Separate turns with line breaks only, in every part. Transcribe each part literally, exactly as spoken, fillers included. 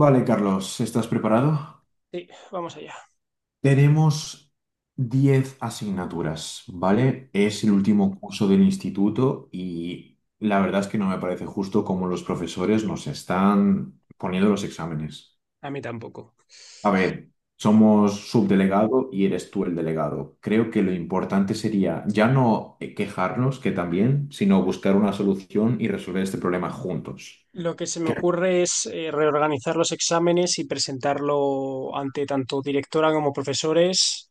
Vale, Carlos, ¿estás preparado?
Sí, vamos allá.
Tenemos diez asignaturas, ¿vale? Es el último curso del instituto y la verdad es que no me parece justo cómo los profesores nos están poniendo los exámenes.
A mí tampoco.
A ver, somos subdelegado y eres tú el delegado. Creo que lo importante sería ya no quejarnos, que también, sino buscar una solución y resolver este problema juntos.
Lo que se me ocurre es eh, reorganizar los exámenes y presentarlo ante tanto directora como profesores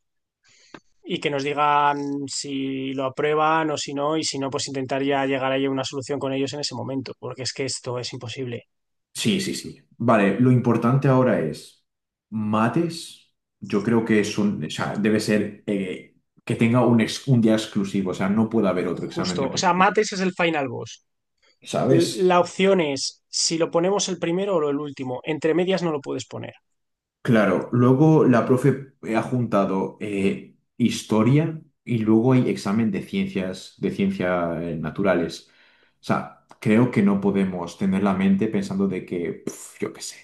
y que nos digan si lo aprueban o si no, y si no, pues intentaría llegar ahí a una solución con ellos en ese momento, porque es que esto es imposible.
Sí, sí, sí. Vale, lo importante ahora es mates. Yo creo que es un, o sea, debe ser eh, que tenga un, ex- un día exclusivo, o sea, no puede haber otro examen
Justo,
de
o sea,
tu-
mates es el final boss. L-
¿sabes?
La opción es si lo ponemos el primero o el último. Entre medias no lo puedes poner.
Claro, luego la profe ha juntado eh, historia y luego hay examen de ciencias, de ciencias naturales. O sea, creo que no podemos tener la mente pensando de que, pf, yo qué sé,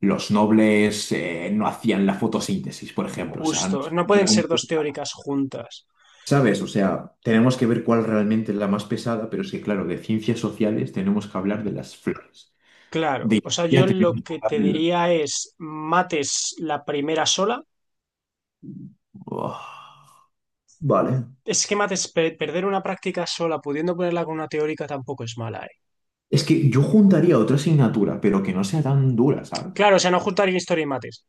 los nobles eh, no hacían la fotosíntesis, por ejemplo. O sea, no-
Justo, no pueden ser
realmente,
dos teóricas juntas.
¿sabes? O sea, tenemos que ver cuál realmente es la más pesada, pero es que, claro, de ciencias sociales tenemos que hablar de las flores. De
Claro, o sea, yo
historia
lo
tenemos que
que
hablar
te
de la-
diría es mates la primera sola.
Buah. Vale.
Es que mates pe- perder una práctica sola pudiendo ponerla con una teórica tampoco es mala, ¿eh?
Es que yo juntaría otra asignatura, pero que no sea tan dura, ¿sabes?
Claro, o sea, no juntar historia y mates.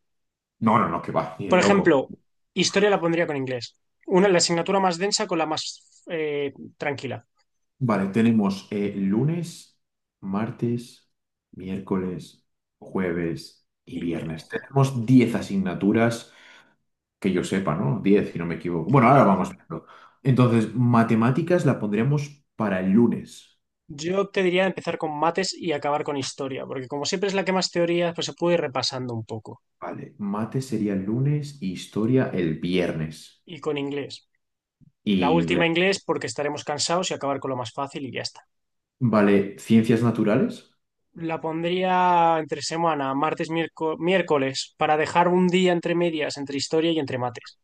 No, no, no, que va, ni de
Por
loco.
ejemplo, historia la pondría con inglés. Una, la asignatura más densa con la más eh, tranquila.
Vale, tenemos eh, lunes, martes, miércoles, jueves y
Y bien.
viernes. Tenemos diez asignaturas que yo sepa, ¿no? Diez, si no me equivoco. Bueno, ahora
Y
vamos viendo. Entonces, matemáticas la pondríamos para el lunes.
yo te diría empezar con mates y acabar con historia, porque como siempre es la que más teoría, pues se puede ir repasando un poco.
Vale, mate sería el lunes y historia el viernes.
Y con inglés. La
Y
última
inglés.
inglés porque estaremos cansados y acabar con lo más fácil y ya está.
Vale, ciencias naturales,
La pondría entre semana, martes, miérco- miércoles, para dejar un día entre medias, entre historia y entre mates.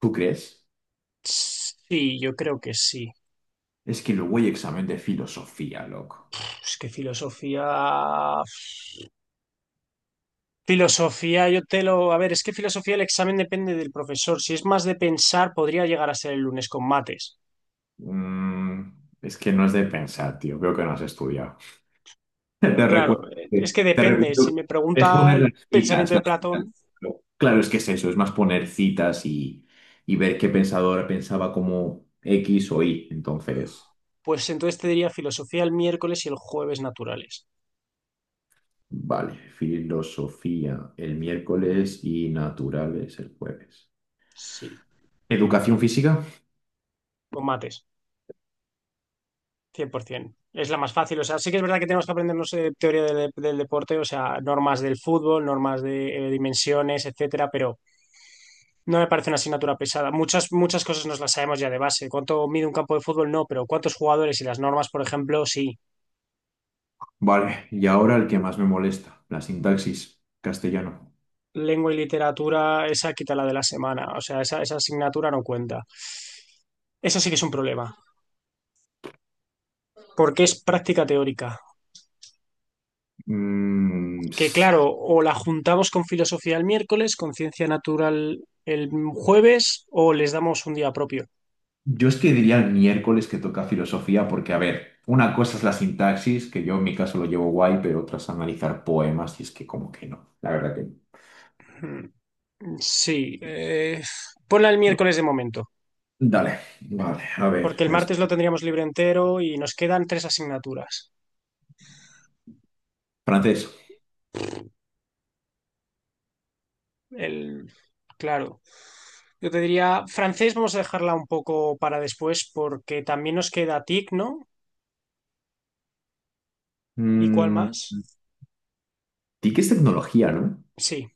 ¿tú crees?
Sí, yo creo que sí.
Es que luego hay examen de filosofía, loco.
Es que filosofía... Filosofía, yo te lo... A ver, es que filosofía el examen depende del profesor. Si es más de pensar, podría llegar a ser el lunes con mates.
Mm, es que no es de pensar, tío. Veo que no has estudiado.
Pero
Te
claro,
recuerdo,
eh, es
que-
que
te
depende. Si
recuerdo.
me
que Es
pregunta
poner
el
las citas,
pensamiento de
las citas.
Platón,
Pero Claro, es que es eso, es más poner citas y, y ver qué pensador pensaba como X o Y. Entonces,
pues entonces te diría filosofía el miércoles y el jueves naturales.
vale, filosofía el miércoles y naturales el jueves.
Sí,
Educación física,
con mates. cien por ciento. Es la más fácil. O sea, sí que es verdad que tenemos que aprendernos eh, teoría del, del deporte, o sea, normas del fútbol, normas de eh, dimensiones, etcétera, pero no me parece una asignatura pesada. Muchas, muchas cosas nos las sabemos ya de base. ¿Cuánto mide un campo de fútbol? No, pero ¿cuántos jugadores y las normas, por ejemplo? Sí.
vale. Y ahora el que más me molesta, la sintaxis, castellano.
Lengua y literatura, esa quítala de la semana. O sea, esa, esa asignatura no cuenta. Eso sí que es un problema, porque es práctica teórica.
Mm,
Que
s-
claro, o la juntamos con filosofía el miércoles, con ciencia natural el jueves, o les damos un día propio.
yo es que diría el miércoles que toca filosofía, porque, a ver, una cosa es la sintaxis, que yo en mi caso lo llevo guay, pero otra es analizar poemas, y es que como que no, la verdad que
Mm, sí, eh, ponla el
no.
miércoles de momento,
Dale, vale, a
porque
ver,
el
es-
martes lo tendríamos libre entero y nos quedan tres asignaturas.
francés.
El, claro, yo te diría, francés vamos a dejarla un poco para después porque también nos queda TIC, ¿no? ¿Y cuál
Mm,
más?
T I C es tecnología, ¿no?
Sí,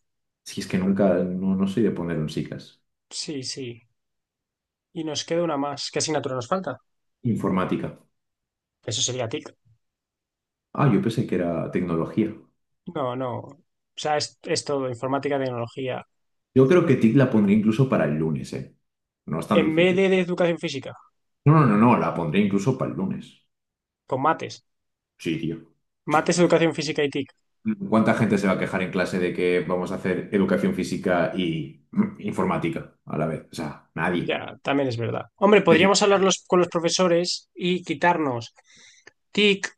Si es que nunca, no, no soy de poner un SICAS.
sí, sí. Y nos queda una más. ¿Qué asignatura nos falta?
Informática.
Eso sería TIC.
Ah, yo pensé que era tecnología.
No, no. O sea, es, es todo, informática, tecnología.
Yo creo que T I C la pondré incluso para el lunes, ¿eh? No es tan
En vez de,
difícil.
de educación física,
No, no, no, no, la pondré incluso para el lunes.
con mates.
Sí, tío.
Mates, educación física y TIC.
¿Cuánta gente se va a quejar en clase de que vamos a hacer educación física y mm, informática a la vez? O sea, nadie.
Ya, también es verdad. Hombre,
De que
podríamos hablar los- con los profesores y quitarnos TIC,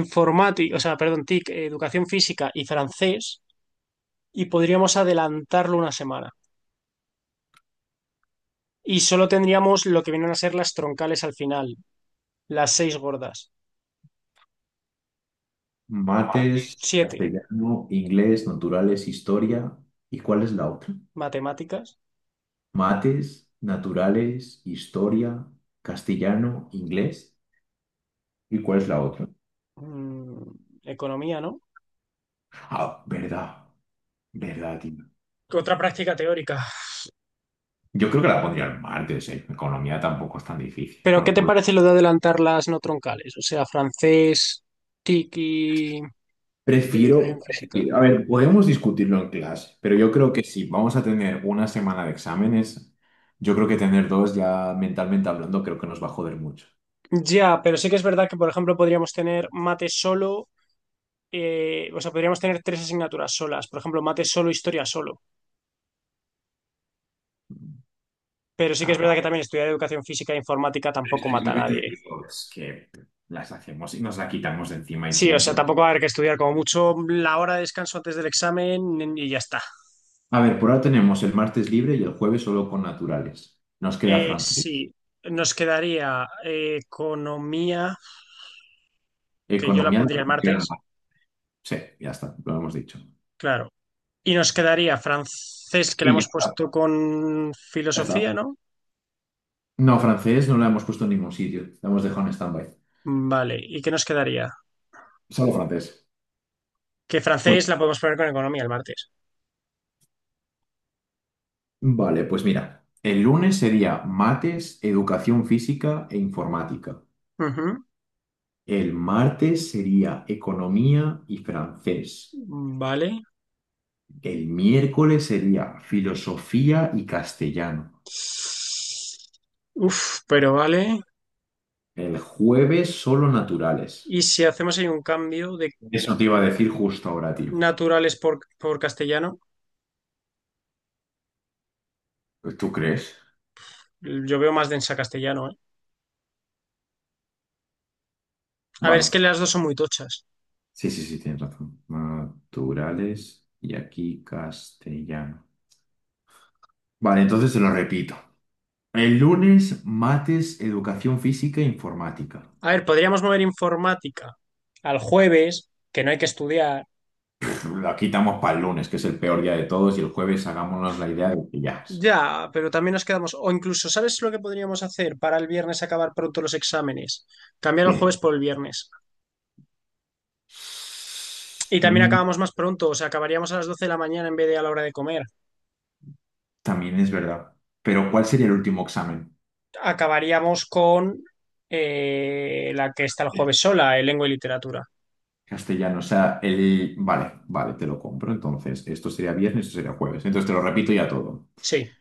informática, o sea, perdón, TIC, eh, educación física y francés, y podríamos adelantarlo una semana. Y solo tendríamos lo que vienen a ser las troncales al final, las seis gordas.
mates,
Siete,
castellano, inglés, naturales, historia. ¿Y cuál es la otra?
matemáticas,
Mates, naturales, historia, castellano, inglés. ¿Y cuál es la otra?
mm, economía, ¿no?
Ah, verdad, verdad, tío.
Otra práctica teórica.
Yo creo que la pondría el martes, ¿eh? Economía tampoco es tan difícil.
Pero ¿qué
Bueno,
te
por
parece lo de adelantar las no troncales? O sea, francés, TIC y y
Prefiero,
educación física.
prefiero- a ver, podemos discutirlo en clase, pero yo creo que si vamos a tener una semana de exámenes, yo creo que tener dos ya mentalmente hablando creo que nos va a joder mucho.
Ya, pero sí que es verdad que, por ejemplo, podríamos tener mate solo, eh, o sea, podríamos tener tres asignaturas solas, por ejemplo, mate solo, historia solo. Pero sí que es
Ah, pero
verdad que también estudiar educación física e informática
es
tampoco
que es
mata
lo
a
que te
nadie.
digo, es que las hacemos y nos la quitamos de encima y
Sí, o sea,
punto.
tampoco va a haber que estudiar como mucho la hora de descanso antes del examen y ya está.
A ver, por ahora tenemos el martes libre y el jueves solo con naturales. Nos queda
Eh,
francés,
sí, nos quedaría eh, economía, que yo la
economía, la
pondría el
comunidad.
martes,
Sí, ya está, lo hemos dicho.
claro. Y nos quedaría francés, que la
Y ya
hemos
está,
puesto con
ya está.
filosofía, ¿no?
No, francés no lo hemos puesto en ningún sitio, lo hemos dejado en stand-by.
Vale, ¿y qué nos quedaría?
Solo francés.
Que francés la podemos poner con economía el martes.
Vale, pues mira, el lunes sería mates, educación física e informática.
Ujú,
El martes sería economía y francés.
vale.
El miércoles sería filosofía y castellano.
Uf, pero vale.
El jueves solo naturales.
Y si hacemos ahí un cambio de
Eso te iba a decir justo ahora, tío.
naturales por, por castellano,
¿Tú crees?
yo veo más densa castellano, ¿eh? A ver, es
Vale.
que las dos son muy tochas.
Sí, sí, sí, tienes razón. Naturales y aquí castellano. Vale, entonces te lo repito. El lunes, mates, educación física e informática.
A ver, podríamos mover informática al jueves, que no hay que estudiar.
La quitamos para el lunes, que es el peor día de todos, y el jueves hagámonos la idea de que ya es.
Ya, pero también nos quedamos. O incluso, ¿sabes lo que podríamos hacer para el viernes acabar pronto los exámenes? Cambiar el
¿Qué?
jueves por el viernes. Y también
Mm,
acabamos más pronto, o sea, acabaríamos a las doce de la mañana en vez de a la hora de comer.
También es verdad. Pero ¿cuál sería el último examen?
Acabaríamos con eh, la que está el jueves sola, eh, lengua y literatura.
Castellano, o sea, el... Vale, vale, te lo compro. Entonces, esto sería viernes, esto sería jueves. Entonces, te lo repito ya todo.
Sí,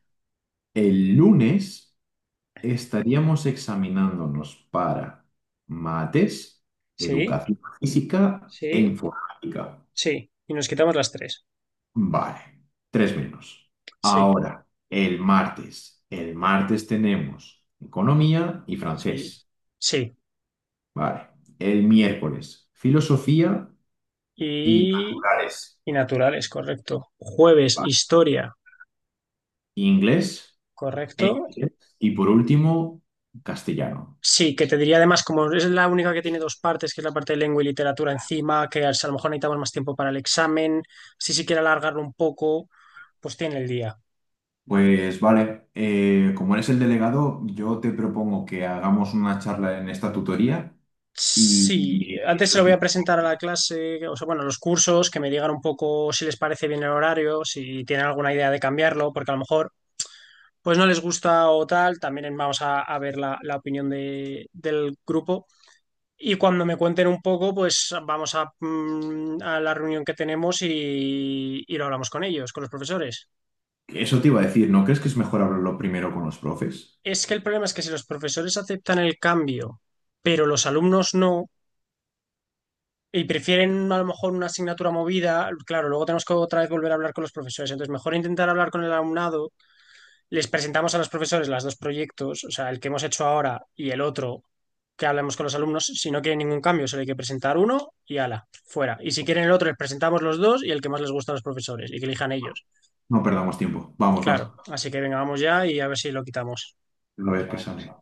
El lunes estaríamos examinándonos para mates,
sí,
educación física e
sí,
informática.
sí. Y nos quitamos las tres.
Vale, tres menos.
Sí,
Ahora, el martes. El martes tenemos economía y
sí,
francés.
sí.
Vale. El miércoles, filosofía y
Y,
naturales.
y naturales, correcto. Jueves,
Vale.
historia,
Inglés e
correcto.
inglés. Y por último, castellano.
Sí, que te diría además, como es la única que tiene dos partes, que es la parte de lengua y literatura encima, que a lo mejor necesitamos más tiempo para el examen, si se quiere alargarlo un poco, pues tiene el día.
Pues vale, eh, como eres el delegado, yo te propongo que hagamos una charla en esta tutoría y
Sí, antes se
eso,
lo
es-
voy a presentar a la clase, o sea, bueno, a los cursos, que me digan un poco si les parece bien el horario, si tienen alguna idea de cambiarlo, porque a lo mejor pues no les gusta o tal, también vamos a, a ver la, la opinión de- del grupo. Y cuando me cuenten un poco, pues vamos a, mm, a la reunión que tenemos y, y lo hablamos con ellos, con los profesores.
eso te iba a decir, ¿no crees que es mejor hablarlo primero con los profes?
Es que el problema es que si los profesores aceptan el cambio, pero los alumnos no, y prefieren a lo mejor una asignatura movida, claro, luego tenemos que otra vez volver a hablar con los profesores, entonces mejor intentar hablar con el alumnado, les presentamos a los profesores las dos proyectos, o sea, el que hemos hecho ahora y el otro, que hablemos con los alumnos, si no quieren ningún cambio, solo hay que presentar uno y ala, fuera. Y si quieren el otro, les presentamos los dos y el que más les gusta a los profesores y que elijan ellos.
No perdamos tiempo. Vamos,
Claro,
va.
así que venga, vamos ya y a ver si lo quitamos.
A ver qué sale.